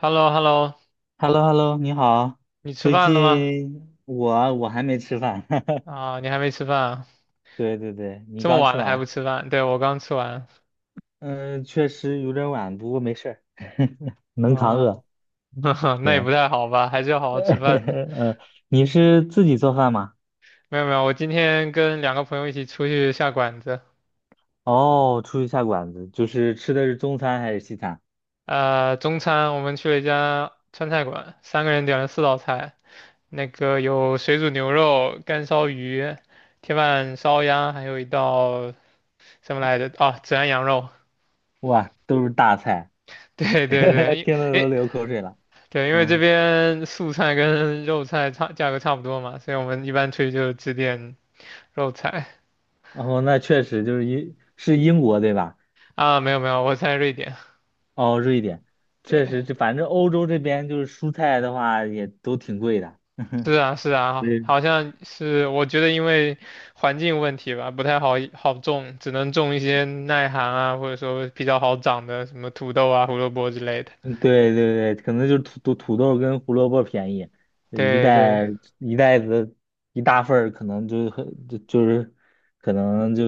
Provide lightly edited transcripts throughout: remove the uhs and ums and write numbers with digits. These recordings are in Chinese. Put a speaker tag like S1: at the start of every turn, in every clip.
S1: h e l l o h e l l o
S2: h e l l o h e l l o 你好。
S1: 你吃
S2: 最
S1: 饭了吗？
S2: 近我还没吃饭，
S1: 啊，你还没吃饭啊？
S2: 对对对，你
S1: 这么
S2: 刚
S1: 晚
S2: 吃
S1: 了还不
S2: 完，
S1: 吃饭？对，我刚吃完。
S2: 嗯，确实有点晚，不过没事儿，能扛
S1: 啊，
S2: 饿。
S1: 那也
S2: 对，
S1: 不太好吧？还是要 好好吃饭的。
S2: 呃，你是自己做饭吗？
S1: 没有没有，我今天跟两个朋友一起出去下馆子。
S2: 哦，出去下馆子，就是吃的是中餐还是西餐？
S1: 中餐我们去了一家川菜馆，三个人点了四道菜，那个有水煮牛肉、干烧鱼、铁板烧鸭，还有一道什么来着？啊，孜然羊肉。
S2: 哇，都是大菜，
S1: 对对对，
S2: 听得都流口水了。
S1: 对，因为这
S2: 嗯，
S1: 边素菜跟肉菜差价格差不多嘛，所以我们一般出去就只点肉菜
S2: 哦，那确实就是英国对吧？
S1: 啊。没有没有，我在瑞典。
S2: 哦，瑞典，确
S1: 对，
S2: 实，这反正欧洲这边就是蔬菜的话也都挺贵的。
S1: 是 啊是啊，
S2: 嗯，
S1: 好像是我觉得因为环境问题吧，不太好好种，只能种一些耐寒啊，或者说比较好长的什么土豆啊、胡萝卜之类的。
S2: 嗯，对对对，可能就是土豆跟胡萝卜便宜，一
S1: 对对
S2: 袋一袋子一大份儿可能就很就是可能就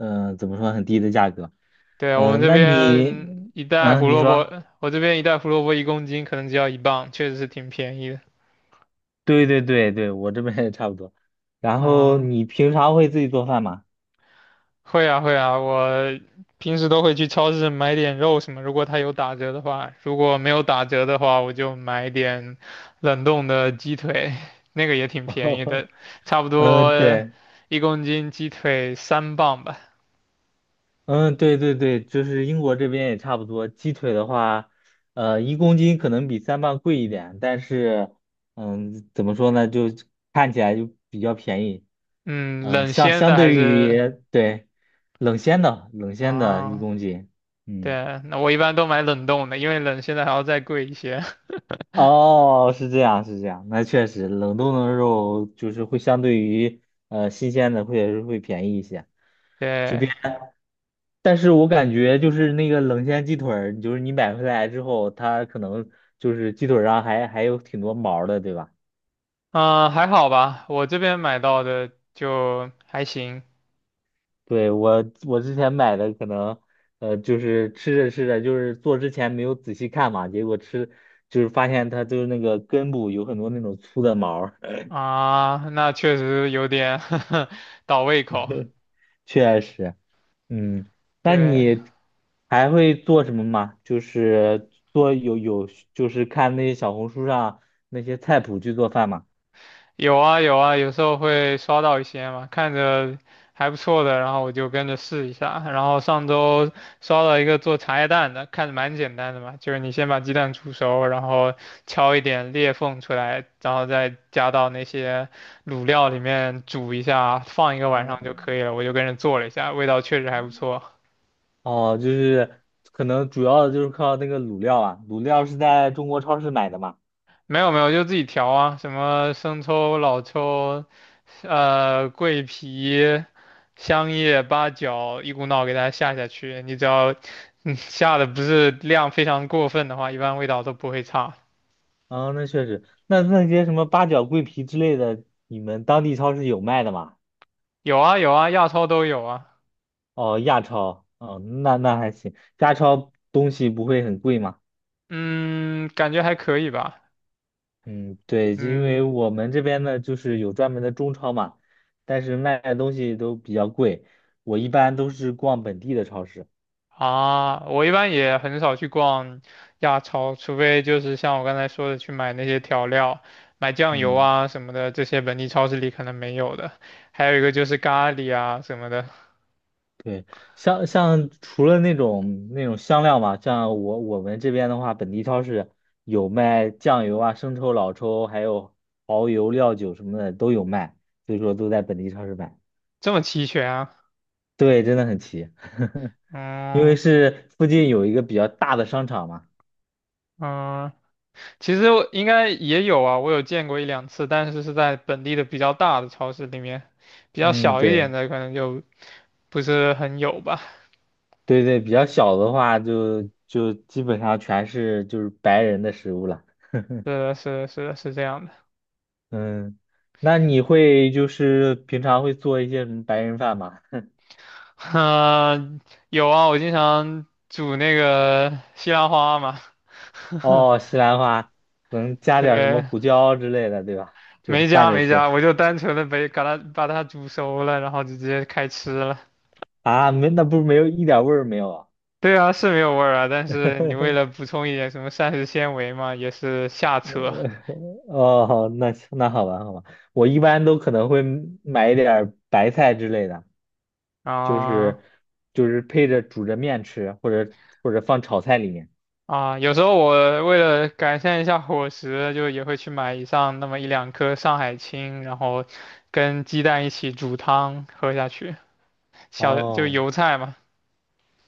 S2: 怎么说很低的价格。
S1: 对，我们
S2: 嗯、
S1: 这
S2: 那你
S1: 边一袋
S2: 嗯、
S1: 胡
S2: 你
S1: 萝
S2: 说
S1: 卜，我这边一袋胡萝卜一公斤可能只要1磅，确实是挺便宜的。
S2: 对对对对，我这边也差不多。然后
S1: 嗯。
S2: 你平常会自己做饭吗？
S1: 会啊会啊，我平时都会去超市买点肉什么，如果它有打折的话，如果没有打折的话，我就买点冷冻的鸡腿，那个也挺便宜 的，差不
S2: 嗯，
S1: 多
S2: 对。
S1: 一公斤鸡腿3磅吧。
S2: 嗯，对对对，就是英国这边也差不多。鸡腿的话，一公斤可能比三磅贵一点，但是，嗯，怎么说呢，就看起来就比较便宜。
S1: 嗯，
S2: 嗯，
S1: 冷
S2: 相
S1: 鲜
S2: 相
S1: 的还
S2: 对
S1: 是
S2: 于对冷鲜的一
S1: 啊，
S2: 公斤，嗯，
S1: 对，那我一般都买冷冻的，因为冷鲜的还要再贵一些。
S2: 哦，是这样是这样，那确实冷冻的肉就是会相对于新鲜的会便宜一些。这
S1: 对，
S2: 边。但是我感觉就是那个冷鲜鸡腿儿，就是你买回来之后，它可能就是鸡腿儿上还有挺多毛儿的，对吧？
S1: 嗯，还好吧，我这边买到的就还行。
S2: 对，我之前买的可能，就是吃着吃着，就是做之前没有仔细看嘛，结果就是发现它就是那个根部有很多那种粗的毛儿
S1: 啊，那确实有点 倒胃口。
S2: 确实，嗯，那
S1: 对，
S2: 你还会做什么吗？就是做有有就是看那些小红书上那些菜谱去做饭吗？
S1: 有啊有啊，有时候会刷到一些嘛，看着还不错的，然后我就跟着试一下。然后上周刷到一个做茶叶蛋的，看着蛮简单的嘛，就是你先把鸡蛋煮熟，然后敲一点裂缝出来，然后再加到那些卤料里面煮一下，放一个晚
S2: 呃
S1: 上就可以了。我就跟着做了一下，味道确实还不错。
S2: 哦，就是可能主要的就是靠那个卤料啊，卤料是在中国超市买的嘛。
S1: 没有没有，就自己调啊，什么生抽、老抽，桂皮、香叶、八角，一股脑给它下下去。你只要，下的不是量非常过分的话，一般味道都不会差。
S2: 啊，那确实，那些什么八角、桂皮之类的，你们当地超市有卖的吗？
S1: 有啊有啊，亚超都有啊。
S2: 哦，亚超，哦，那还行，亚超东西不会很贵吗？
S1: 嗯，感觉还可以吧。
S2: 嗯，对，因为
S1: 嗯，
S2: 我们这边呢，就是有专门的中超嘛，但是卖的东西都比较贵，我一般都是逛本地的超市。
S1: 啊，我一般也很少去逛亚超，除非就是像我刚才说的去买那些调料，买酱油
S2: 嗯。
S1: 啊什么的，这些本地超市里可能没有的。还有一个就是咖喱啊什么的，
S2: 对，像除了那种香料嘛，像我们这边的话，本地超市有卖酱油啊、生抽、老抽，还有蚝油、料酒什么的都有卖，所以说都在本地超市买。
S1: 这么齐全啊？
S2: 对，真的很齐，因为
S1: 嗯
S2: 是附近有一个比较大的商场嘛。
S1: 嗯，其实我应该也有啊，我有见过一两次，但是是在本地的比较大的超市里面，比较
S2: 嗯，
S1: 小一
S2: 对
S1: 点的可能就不是很有吧。
S2: 对对，比较小的话就基本上全是就是白人的食物了。
S1: 是的，是的，是的，是这样的。
S2: 嗯，那你会就是平常会做一些什么白人饭吗？
S1: 嗯、有啊，我经常煮那个西兰花嘛。
S2: 哦，西兰花能加点儿什么
S1: 对，
S2: 胡椒之类的，对吧？就是
S1: 没
S2: 拌
S1: 加
S2: 着
S1: 没加，
S2: 吃
S1: 我就单纯的把它煮熟了，然后就直接开吃了。
S2: 啊，没，那不是没有一点味儿没有啊？
S1: 对啊，是没有味儿啊，但是你为了 补充一点什么膳食纤维嘛，也是瞎扯
S2: 哦，那行那好吧，好吧，我一般都可能会买一点儿白菜之类的，就是
S1: 啊
S2: 就是配着煮着面吃，或者放炒菜里面。
S1: 啊。有时候我为了改善一下伙食，就也会去买一上那么一两颗上海青，然后跟鸡蛋一起煮汤喝下去，小就
S2: 哦，
S1: 油菜嘛，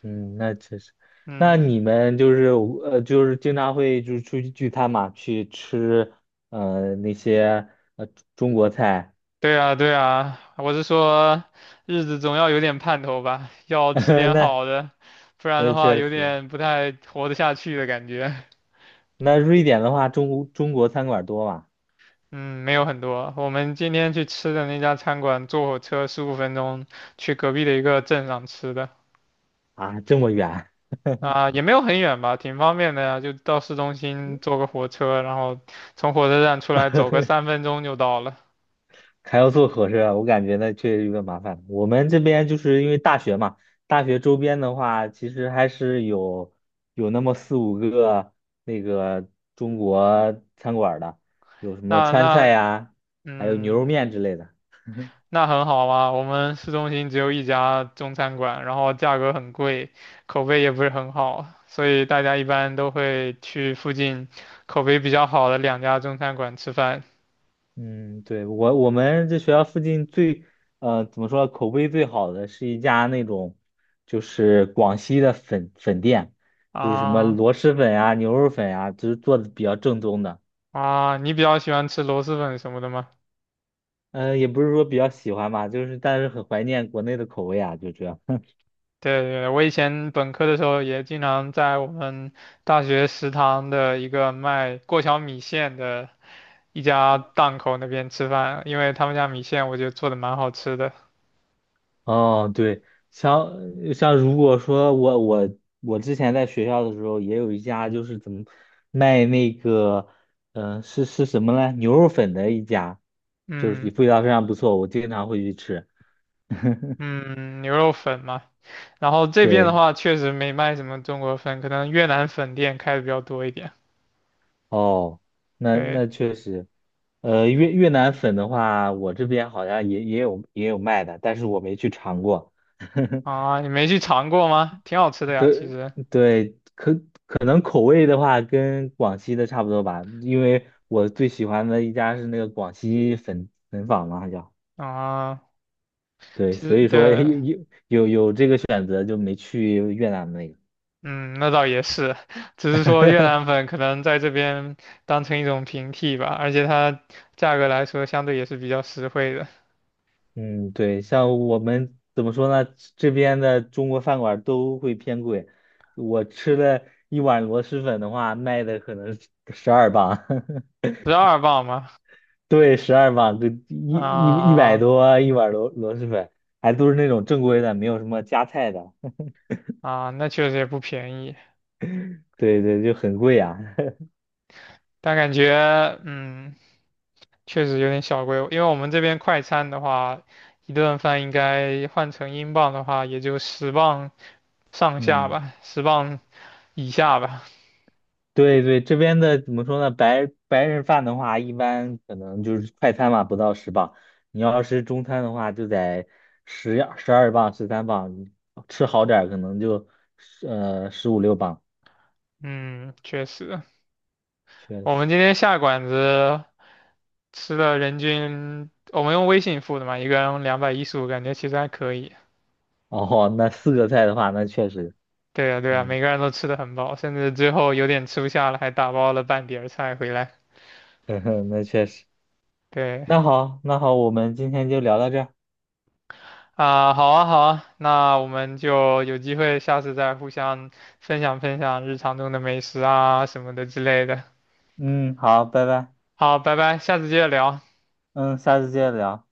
S2: 嗯，那确实，那
S1: 嗯。
S2: 你们就是就是经常会就是出去聚餐嘛，去吃那些呃中国菜。
S1: 对啊，对啊，我是说，日子总要有点盼头吧，要吃 点
S2: 那
S1: 好的，不然
S2: 那
S1: 的话
S2: 确
S1: 有
S2: 实，
S1: 点不太活得下去的感觉。
S2: 那瑞典的话，中国餐馆多吗？
S1: 嗯，没有很多。我们今天去吃的那家餐馆，坐火车15分钟去隔壁的一个镇上吃的，
S2: 啊，这么远，
S1: 啊、也没有很远吧，挺方便的呀，就到市中心坐个火车，然后从火车站出来走个三分 钟就到了。
S2: 还要坐火车，我感觉那确实有点麻烦。我们这边就是因为大学嘛，大学周边的话，其实还是有那么四五个那个中国餐馆的，有什么
S1: 那
S2: 川菜
S1: 那，
S2: 呀，还有牛肉
S1: 嗯。
S2: 面之类的。
S1: 那很好啊，我们市中心只有一家中餐馆，然后价格很贵，口碑也不是很好，所以大家一般都会去附近口碑比较好的两家中餐馆吃饭。
S2: 嗯，对，我们这学校附近最，怎么说，口碑最好的是一家那种，就是广西的粉店，就是什么
S1: 啊
S2: 螺蛳粉啊、牛肉粉啊，就是做的比较正宗的。
S1: 啊，你比较喜欢吃螺蛳粉什么的吗？
S2: 也不是说比较喜欢吧，就是但是很怀念国内的口味啊，就这样。
S1: 对对，我以前本科的时候也经常在我们大学食堂的一个卖过桥米线的一家档口那边吃饭，因为他们家米线我觉得做的蛮好吃的。
S2: 哦，对，像像如果说我之前在学校的时候，也有一家就是怎么卖那个，嗯、是什么呢？牛肉粉的一家，就是
S1: 嗯
S2: 味道非常不错，我经常会去吃。
S1: 嗯，牛肉粉嘛。然后这边的
S2: 对，
S1: 话，确实没卖什么中国粉，可能越南粉店开的比较多一点。
S2: 哦，那
S1: 对
S2: 那确实，越南粉的话，我这边好像也有卖的，但是我没去尝过。
S1: 啊，你没去尝过吗？挺好吃的呀，其
S2: 对
S1: 实
S2: 对，可能口味的话跟广西的差不多吧，因为我最喜欢的一家是那个广西粉粉坊嘛，好像
S1: 啊，
S2: 对，
S1: 其实
S2: 所以说
S1: 对，
S2: 有这个选择就没去越南那个。
S1: 嗯，那倒也是，只是说越南 粉可能在这边当成一种平替吧，而且它价格来说相对也是比较实惠的，
S2: 嗯，对，像我们怎么说呢，这边的中国饭馆都会偏贵，我吃了一碗螺蛳粉的话，卖的可能十二磅。
S1: 12磅嘛，
S2: 对，十二磅，就一百
S1: 啊
S2: 多一碗螺蛳粉，还都是那种正规的，没有什么加菜的。
S1: 啊，那确实也不便宜，
S2: 对对，就很贵啊。
S1: 但感觉嗯。确实有点小贵，因为我们这边快餐的话，一顿饭应该换成英镑的话，也就十磅上下
S2: 嗯，
S1: 吧，十磅以下吧。
S2: 对对，这边的怎么说呢？白人饭的话，一般可能就是快餐嘛，不到10磅。你要是中餐的话，就得十二磅、13磅，吃好点儿可能就十五六磅。
S1: 嗯，确实，
S2: 确
S1: 我们
S2: 实，
S1: 今天下馆子吃了人均，我们用微信付的嘛，一个人215，感觉其实还可以。
S2: 哦，那四个菜的话，那确实，
S1: 对呀，对呀，
S2: 嗯，
S1: 每个人都吃的很饱，甚至最后有点吃不下了，还打包了半碟儿菜回来。
S2: 那确实。
S1: 对。
S2: 那好，那好，我们今天就聊到这儿。
S1: 啊，好啊，好啊，那我们就有机会下次再互相分享分享日常中的美食啊什么的之类的。
S2: 嗯，好，拜拜，
S1: 好，拜拜，下次接着聊。
S2: 嗯，下次接着聊。